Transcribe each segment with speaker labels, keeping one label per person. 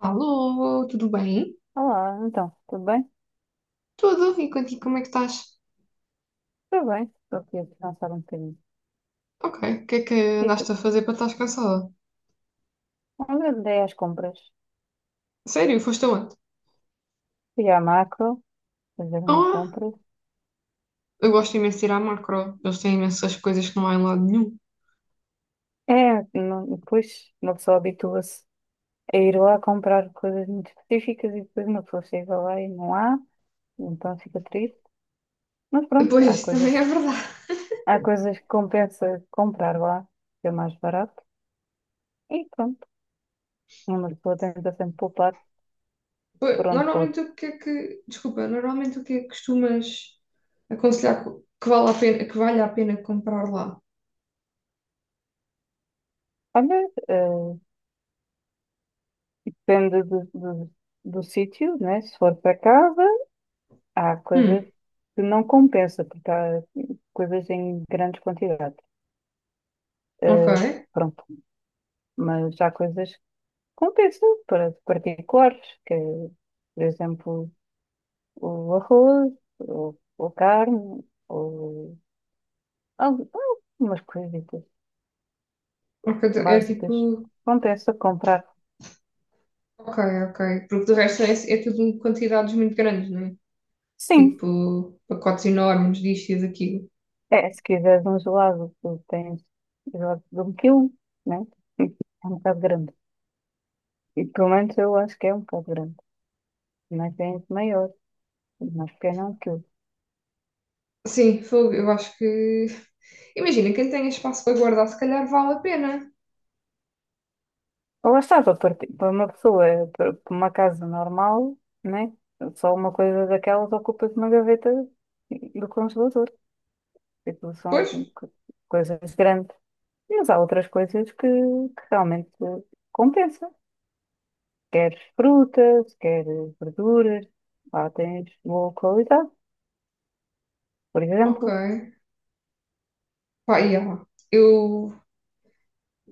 Speaker 1: Alô, tudo bem?
Speaker 2: Olá, então, tudo bem?
Speaker 1: Tudo, e contigo como é que estás?
Speaker 2: Tudo bem, estou aqui a descansar um bocadinho.
Speaker 1: Ok, o que é que
Speaker 2: E tu?
Speaker 1: andaste a fazer para estar cansada?
Speaker 2: Onde andei às compras?
Speaker 1: Sério, foste aonde?
Speaker 2: Fui à macro, fazer umas
Speaker 1: Ah,
Speaker 2: compras.
Speaker 1: eu gosto imenso de ir à macro, eles têm imensas coisas que não há em lado nenhum.
Speaker 2: Depois uma pessoa habitua-se a ir lá comprar coisas muito específicas e depois uma pessoa chega lá e não há, então fica triste. Mas pronto, há
Speaker 1: Pois,
Speaker 2: coisas,
Speaker 1: também é verdade.
Speaker 2: há coisas que compensa comprar lá, que é mais barato. E pronto, uma pessoa tenta sempre poupar
Speaker 1: Pois,
Speaker 2: por onde
Speaker 1: normalmente
Speaker 2: pode.
Speaker 1: o que é que, desculpa, normalmente o que é que costumas aconselhar que vale a pena, que vale a pena comprar lá?
Speaker 2: Olha, depende do sítio, né? Se for para casa. Há coisas
Speaker 1: Hum,
Speaker 2: que não compensa, porque há coisas em grandes quantidades.
Speaker 1: ok,
Speaker 2: Eh, Pronto. Mas há coisas que compensam para particulares, que é, por exemplo, o arroz, ou carne, ou al- algumas coisitas
Speaker 1: ok, então é
Speaker 2: básicas.
Speaker 1: tipo,
Speaker 2: Compensa comprar.
Speaker 1: ok, ok, porque do resto é, é tudo quantidades muito grandes, não é?
Speaker 2: Sim,
Speaker 1: Tipo, pacotes enormes disto e daquilo.
Speaker 2: é, se quiseres um gelado, tu tens gelado de 1 kg, né? É um bocado grande. E pelo menos eu acho que é um bocado grande. Mas tem maior. Mas que é não que eu-
Speaker 1: Sim, fogo, eu acho que. Imagina, quem tem espaço para guardar, se calhar vale a pena.
Speaker 2: Lá está, para uma pessoa, para uma casa normal, né? Só uma coisa daquelas ocupa uma gaveta do congelador. Tipo, são
Speaker 1: Pois?
Speaker 2: co- coisas grandes. Mas há outras coisas que, realmente compensa. Queres frutas, queres verduras, lá tens boa qualidade, por
Speaker 1: Ok.
Speaker 2: exemplo.
Speaker 1: Pá, e yeah. Eu,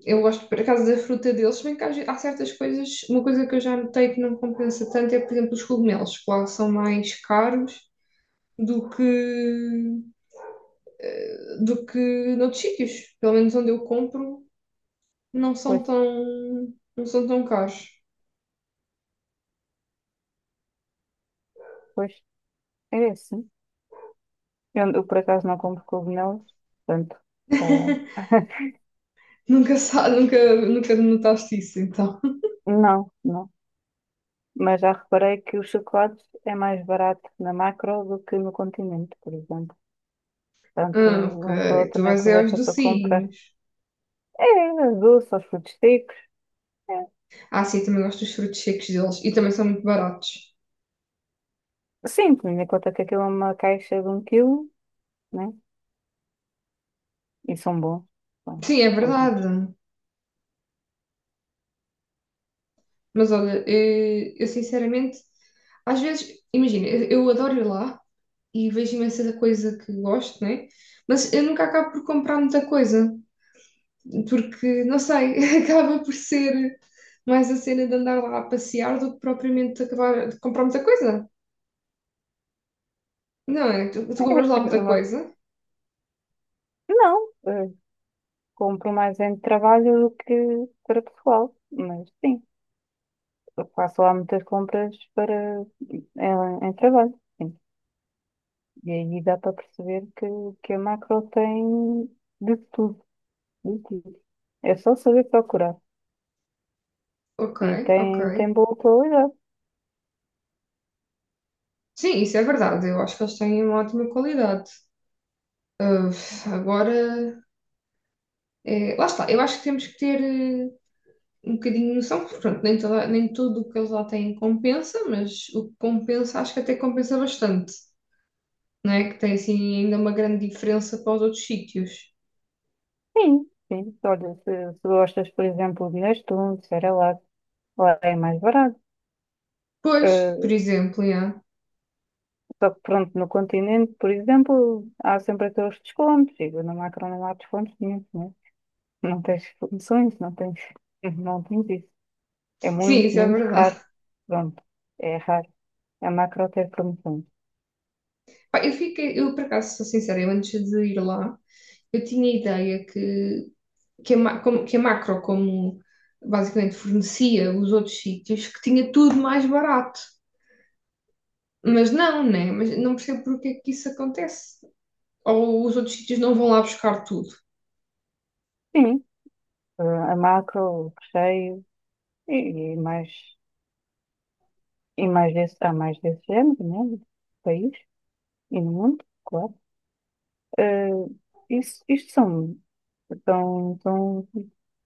Speaker 1: eu gosto, por acaso, da fruta deles, se bem que há certas coisas. Uma coisa que eu já notei que não compensa tanto é, por exemplo, os cogumelos, que lá são mais caros do que. Do que noutros sítios. Pelo menos onde eu compro, não são
Speaker 2: Pois,
Speaker 1: tão, não são tão caros.
Speaker 2: pois é assim. Por acaso, não compro cogumelos, portanto, tá.
Speaker 1: Nunca, nunca, nunca notaste isso, então.
Speaker 2: Não, não. Mas já reparei que o chocolate é mais barato na Macro do que no Continente, por exemplo. Portanto,
Speaker 1: Ah,
Speaker 2: uma pessoa
Speaker 1: ok. Tu
Speaker 2: também
Speaker 1: vais é aos
Speaker 2: aproveita para comprar.
Speaker 1: docinhos.
Speaker 2: É, doce, aos frutos secos. É.
Speaker 1: Ah, sim, eu também gosto dos frutos secos deles. E também são muito baratos.
Speaker 2: Sim, tendo em conta que aquilo é uma caixa de 1 kg, né? E são bons. São,
Speaker 1: Sim, é
Speaker 2: são bons.
Speaker 1: verdade. Mas olha, eu, sinceramente, às vezes, imagina, eu adoro ir lá e vejo imensa coisa que gosto, né? Mas eu nunca acabo por comprar muita coisa. Porque, não sei, acaba por ser mais a cena de andar lá a passear do que propriamente acabar de comprar muita coisa. Não é? Tu compras lá
Speaker 2: É
Speaker 1: muita
Speaker 2: uma-
Speaker 1: coisa.
Speaker 2: Não, compro mais em trabalho do que para pessoal. Mas sim, eu faço lá muitas compras para em, em trabalho. Sim. E aí dá para perceber que a macro tem de tudo, de tudo. É só saber procurar.
Speaker 1: Ok,
Speaker 2: E
Speaker 1: ok.
Speaker 2: tem boa qualidade.
Speaker 1: Sim, isso é verdade. Eu acho que eles têm uma ótima qualidade. Ah, agora, é, lá está. Eu acho que temos que ter um bocadinho de noção, porque pronto, nem, nem tudo o que eles lá têm compensa, mas o que compensa, acho que até compensa bastante. Não é? Que tem assim ainda uma grande diferença para os outros sítios.
Speaker 2: Sim, sim. Olha, se gostas, por exemplo, de Nestum, de Cerelac, lá é mais barato.
Speaker 1: Pois, por
Speaker 2: Eh,
Speaker 1: exemplo, yeah.
Speaker 2: Só que pronto, no continente, por exemplo, há sempre aqueles descontos. E na macro não há descontos nenhum, né? Não tens promoções, não tens, não tens isso. É
Speaker 1: Sim,
Speaker 2: muito,
Speaker 1: isso é
Speaker 2: muito
Speaker 1: verdade.
Speaker 2: raro. Pronto, é raro. A macro tem promoções.
Speaker 1: Pá, eu fiquei, eu por acaso, sou sincera, eu antes de ir lá, eu tinha a ideia que, que a Macro, como basicamente fornecia os outros sítios, que tinha tudo mais barato. Mas não, né? Mas não percebo porque é que isso acontece. Ou os outros sítios não vão lá buscar tudo.
Speaker 2: Sim, eh, a macro, o recheio e, e mais e mais desse, há mais desse género, né? No país e no mundo, claro. Eh, isso, Isto são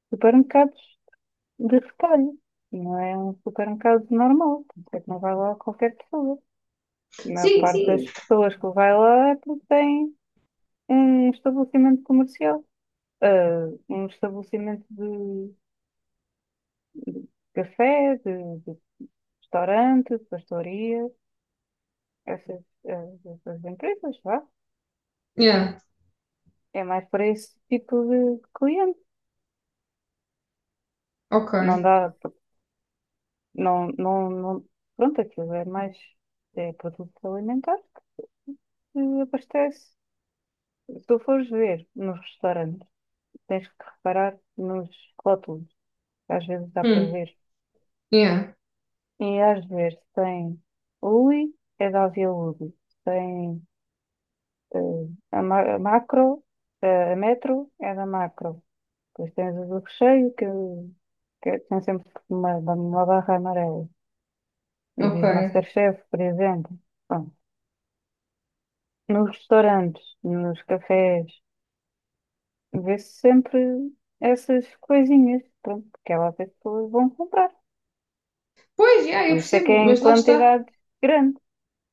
Speaker 2: supermercados de retalho, não é um supermercado normal, portanto é que não vai lá qualquer pessoa. A maior
Speaker 1: Sim,
Speaker 2: parte
Speaker 1: sim.
Speaker 2: das pessoas que vai lá é porque tem um estabelecimento comercial, eh, um estabelecimento de café, de restaurante, de pastoria, essas, essas empresas, vá.
Speaker 1: Yeah,
Speaker 2: É mais para esse tipo de cliente.
Speaker 1: ok.
Speaker 2: Não dá, não, não, não, pronto, aquilo é mais, é produto alimentar que abastece. Se tu fores ver nos restaurantes, tens que reparar nos rótulos, que às vezes dá para
Speaker 1: Hum,
Speaker 2: ver.
Speaker 1: yeah,
Speaker 2: E às vezes tem Uli, é da Via Uli. Tem eh, a Macro. A Metro é da Macro. Depois tens o do recheio, que tem sempre uma barra amarela. E
Speaker 1: ok.
Speaker 2: diz Masterchef, por exemplo. Bom, nos restaurantes, nos cafés, vê-se sempre essas coisinhas, pronto, que é as pessoas vão comprar.
Speaker 1: Pois, yeah, eu
Speaker 2: Por isso é que é
Speaker 1: percebo,
Speaker 2: em
Speaker 1: mas lá está.
Speaker 2: quantidade grande.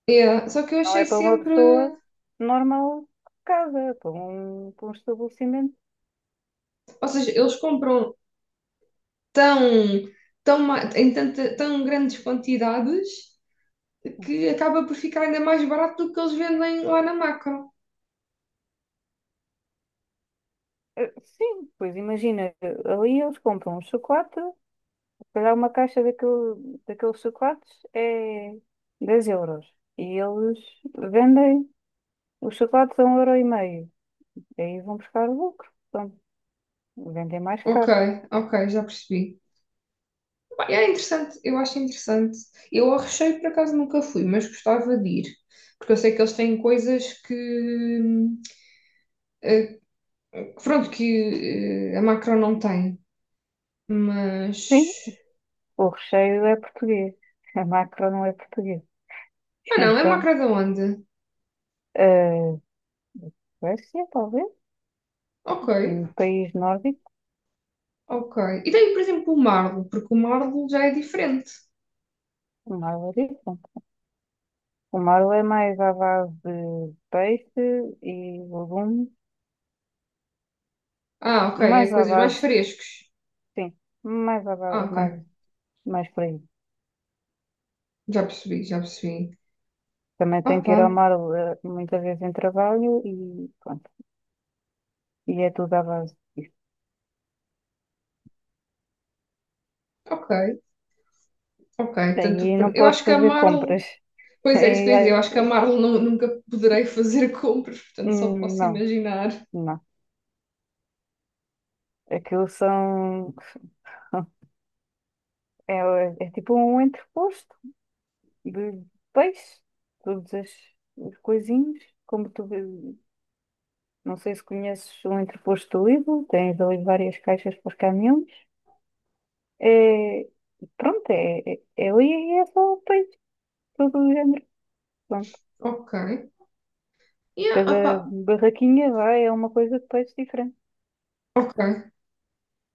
Speaker 1: Yeah. Só que eu
Speaker 2: Não é
Speaker 1: achei
Speaker 2: para uma
Speaker 1: sempre.
Speaker 2: pessoa normal de casa, é para um estabelecimento.
Speaker 1: Ou seja, eles compram tão, tão, em tão grandes quantidades que acaba por ficar ainda mais barato do que eles vendem lá na macro.
Speaker 2: Sim, pois imagina, ali eles compram um chocolate, calhar uma caixa daqueles chocolates é 10 euros. E eles vendem os chocolates a um euro e meio. Aí vão buscar o lucro. Pronto, vendem mais
Speaker 1: Ok,
Speaker 2: caro.
Speaker 1: ok, já percebi. Bem, é interessante, eu acho interessante. Eu ao recheio por acaso nunca fui, mas gostava de ir. Porque eu sei que eles têm coisas que, eh, pronto, que a macro não tem.
Speaker 2: Sim,
Speaker 1: Mas.
Speaker 2: o recheio é português. A macro não é português.
Speaker 1: Ah, não, é
Speaker 2: Então,
Speaker 1: macro da onde?
Speaker 2: eh, Suécia, talvez.
Speaker 1: Ok,
Speaker 2: Um país nórdico.
Speaker 1: ok. E tem, por exemplo, o Marlo, porque o Marlo já é diferente.
Speaker 2: O Marlo é diferente. O Marlo é mais à base de peixe e legumes.
Speaker 1: Ah, ok, é
Speaker 2: Mais à
Speaker 1: coisas mais
Speaker 2: base,
Speaker 1: frescos.
Speaker 2: sim, mais à
Speaker 1: Ah,
Speaker 2: base, mais,
Speaker 1: ok,
Speaker 2: mais por aí.
Speaker 1: já percebi, já percebi.
Speaker 2: Também tenho que
Speaker 1: Opa,
Speaker 2: ir ao mar muitas vezes em trabalho e pronto. E é tudo à base disso.
Speaker 1: ok, ok. Tanto,
Speaker 2: Aí não
Speaker 1: eu acho
Speaker 2: podes
Speaker 1: que a
Speaker 2: fazer
Speaker 1: Marlo,
Speaker 2: compras.
Speaker 1: pois é, isso que
Speaker 2: Aí,
Speaker 1: eu ia dizer, eu acho que
Speaker 2: é-
Speaker 1: a Marlo nunca poderei fazer compras, portanto só
Speaker 2: hum,
Speaker 1: posso
Speaker 2: não,
Speaker 1: imaginar.
Speaker 2: não. Aquilo são. É tipo um entreposto de peixe. Todos as, os coisinhos. Como tu. Não sei se conheces o entreposto do Lidl. Tens ali várias caixas para os caminhões. É, pronto, é ali e é só peixe. Todo o género.
Speaker 1: Ok, yeah, opa,
Speaker 2: Cada barraquinha vai, é uma coisa de peixe diferente.
Speaker 1: ok,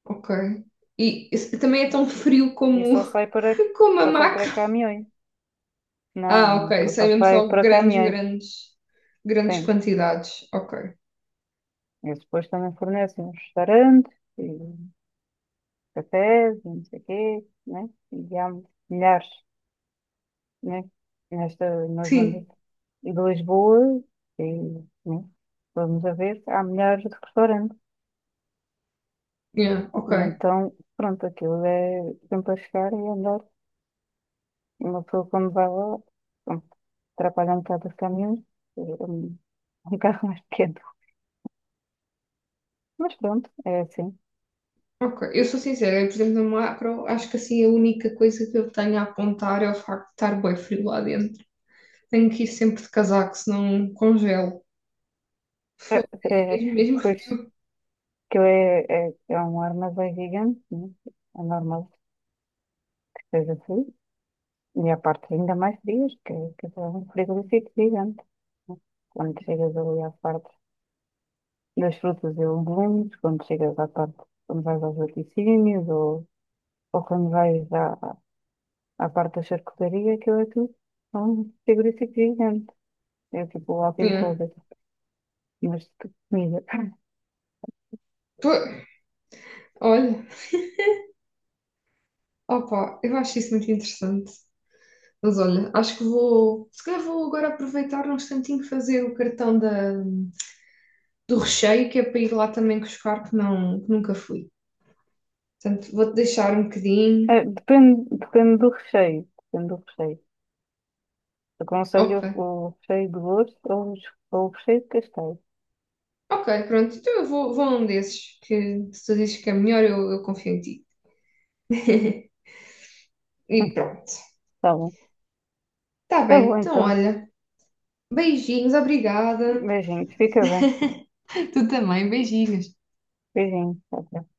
Speaker 1: ok. E esse- também é tão frio
Speaker 2: E
Speaker 1: como,
Speaker 2: só sai para,
Speaker 1: como a
Speaker 2: só sai
Speaker 1: macro.
Speaker 2: para caminhões. Não,
Speaker 1: Ah,
Speaker 2: não,
Speaker 1: ok,
Speaker 2: aquilo
Speaker 1: isso é
Speaker 2: só
Speaker 1: mesmo
Speaker 2: sai
Speaker 1: só
Speaker 2: para
Speaker 1: grandes,
Speaker 2: caminhões.
Speaker 1: grandes, grandes
Speaker 2: Sim.
Speaker 1: quantidades. Ok,
Speaker 2: Eles depois também fornecem os restaurantes e cafés e não sei o quê, né? E há milhares, né? Na zona
Speaker 1: sim,
Speaker 2: de Lisboa, e, né? Vamos a ver, há milhares de restaurantes.
Speaker 1: yeah,
Speaker 2: E
Speaker 1: ok.
Speaker 2: então, pronto, aquilo é sempre a chegar e a andar. E uma pessoa quando vai lá atrapalha um bocado os caminhões, eh, um, um carro mais pequeno. Mas pronto, é assim.
Speaker 1: Ok, eu sou sincera, eu, por exemplo, no macro, acho que assim a única coisa que eu tenho a apontar é o facto de estar bem frio lá dentro. Tenho que ir sempre de casaco, senão congelo.
Speaker 2: É,
Speaker 1: Foi
Speaker 2: é,
Speaker 1: mesmo, mesmo
Speaker 2: Pois,
Speaker 1: frio.
Speaker 2: que é um armazém gigante, né? É normal que seja assim. E a parte ainda mais frias, que é um frigorífico gigante, né? Quando chegas ali à parte das frutas e legumes, quando chegas à parte, quando vais aos laticínios, ou quando vais à parte da charcutaria, aquilo é tudo um frigorífico gigante. É tipo o walk-in
Speaker 1: É.
Speaker 2: closet. Mas de comida.
Speaker 1: Pô, olha, opa, eu acho isso muito interessante. Mas olha, acho que vou, se calhar vou agora aproveitar um instantinho fazer o cartão da, do recheio, que é para ir lá também buscar, que, não, que nunca fui. Portanto, vou-te deixar um bocadinho.
Speaker 2: Depende do recheio. Depende do recheio. Aconselho
Speaker 1: Ok.
Speaker 2: o recheio de osso ou o recheio de castanho.
Speaker 1: Ok, pronto, então eu vou, vou num desses que se tu dizes que é melhor, eu confio em ti. E pronto.
Speaker 2: Tá bom.
Speaker 1: Tá
Speaker 2: Tá
Speaker 1: bem,
Speaker 2: bom
Speaker 1: então
Speaker 2: então.
Speaker 1: olha, beijinhos, obrigada.
Speaker 2: Beijinhos. Fica bem.
Speaker 1: Tu também, beijinhos.
Speaker 2: Beijinhos. Tchau, tchau.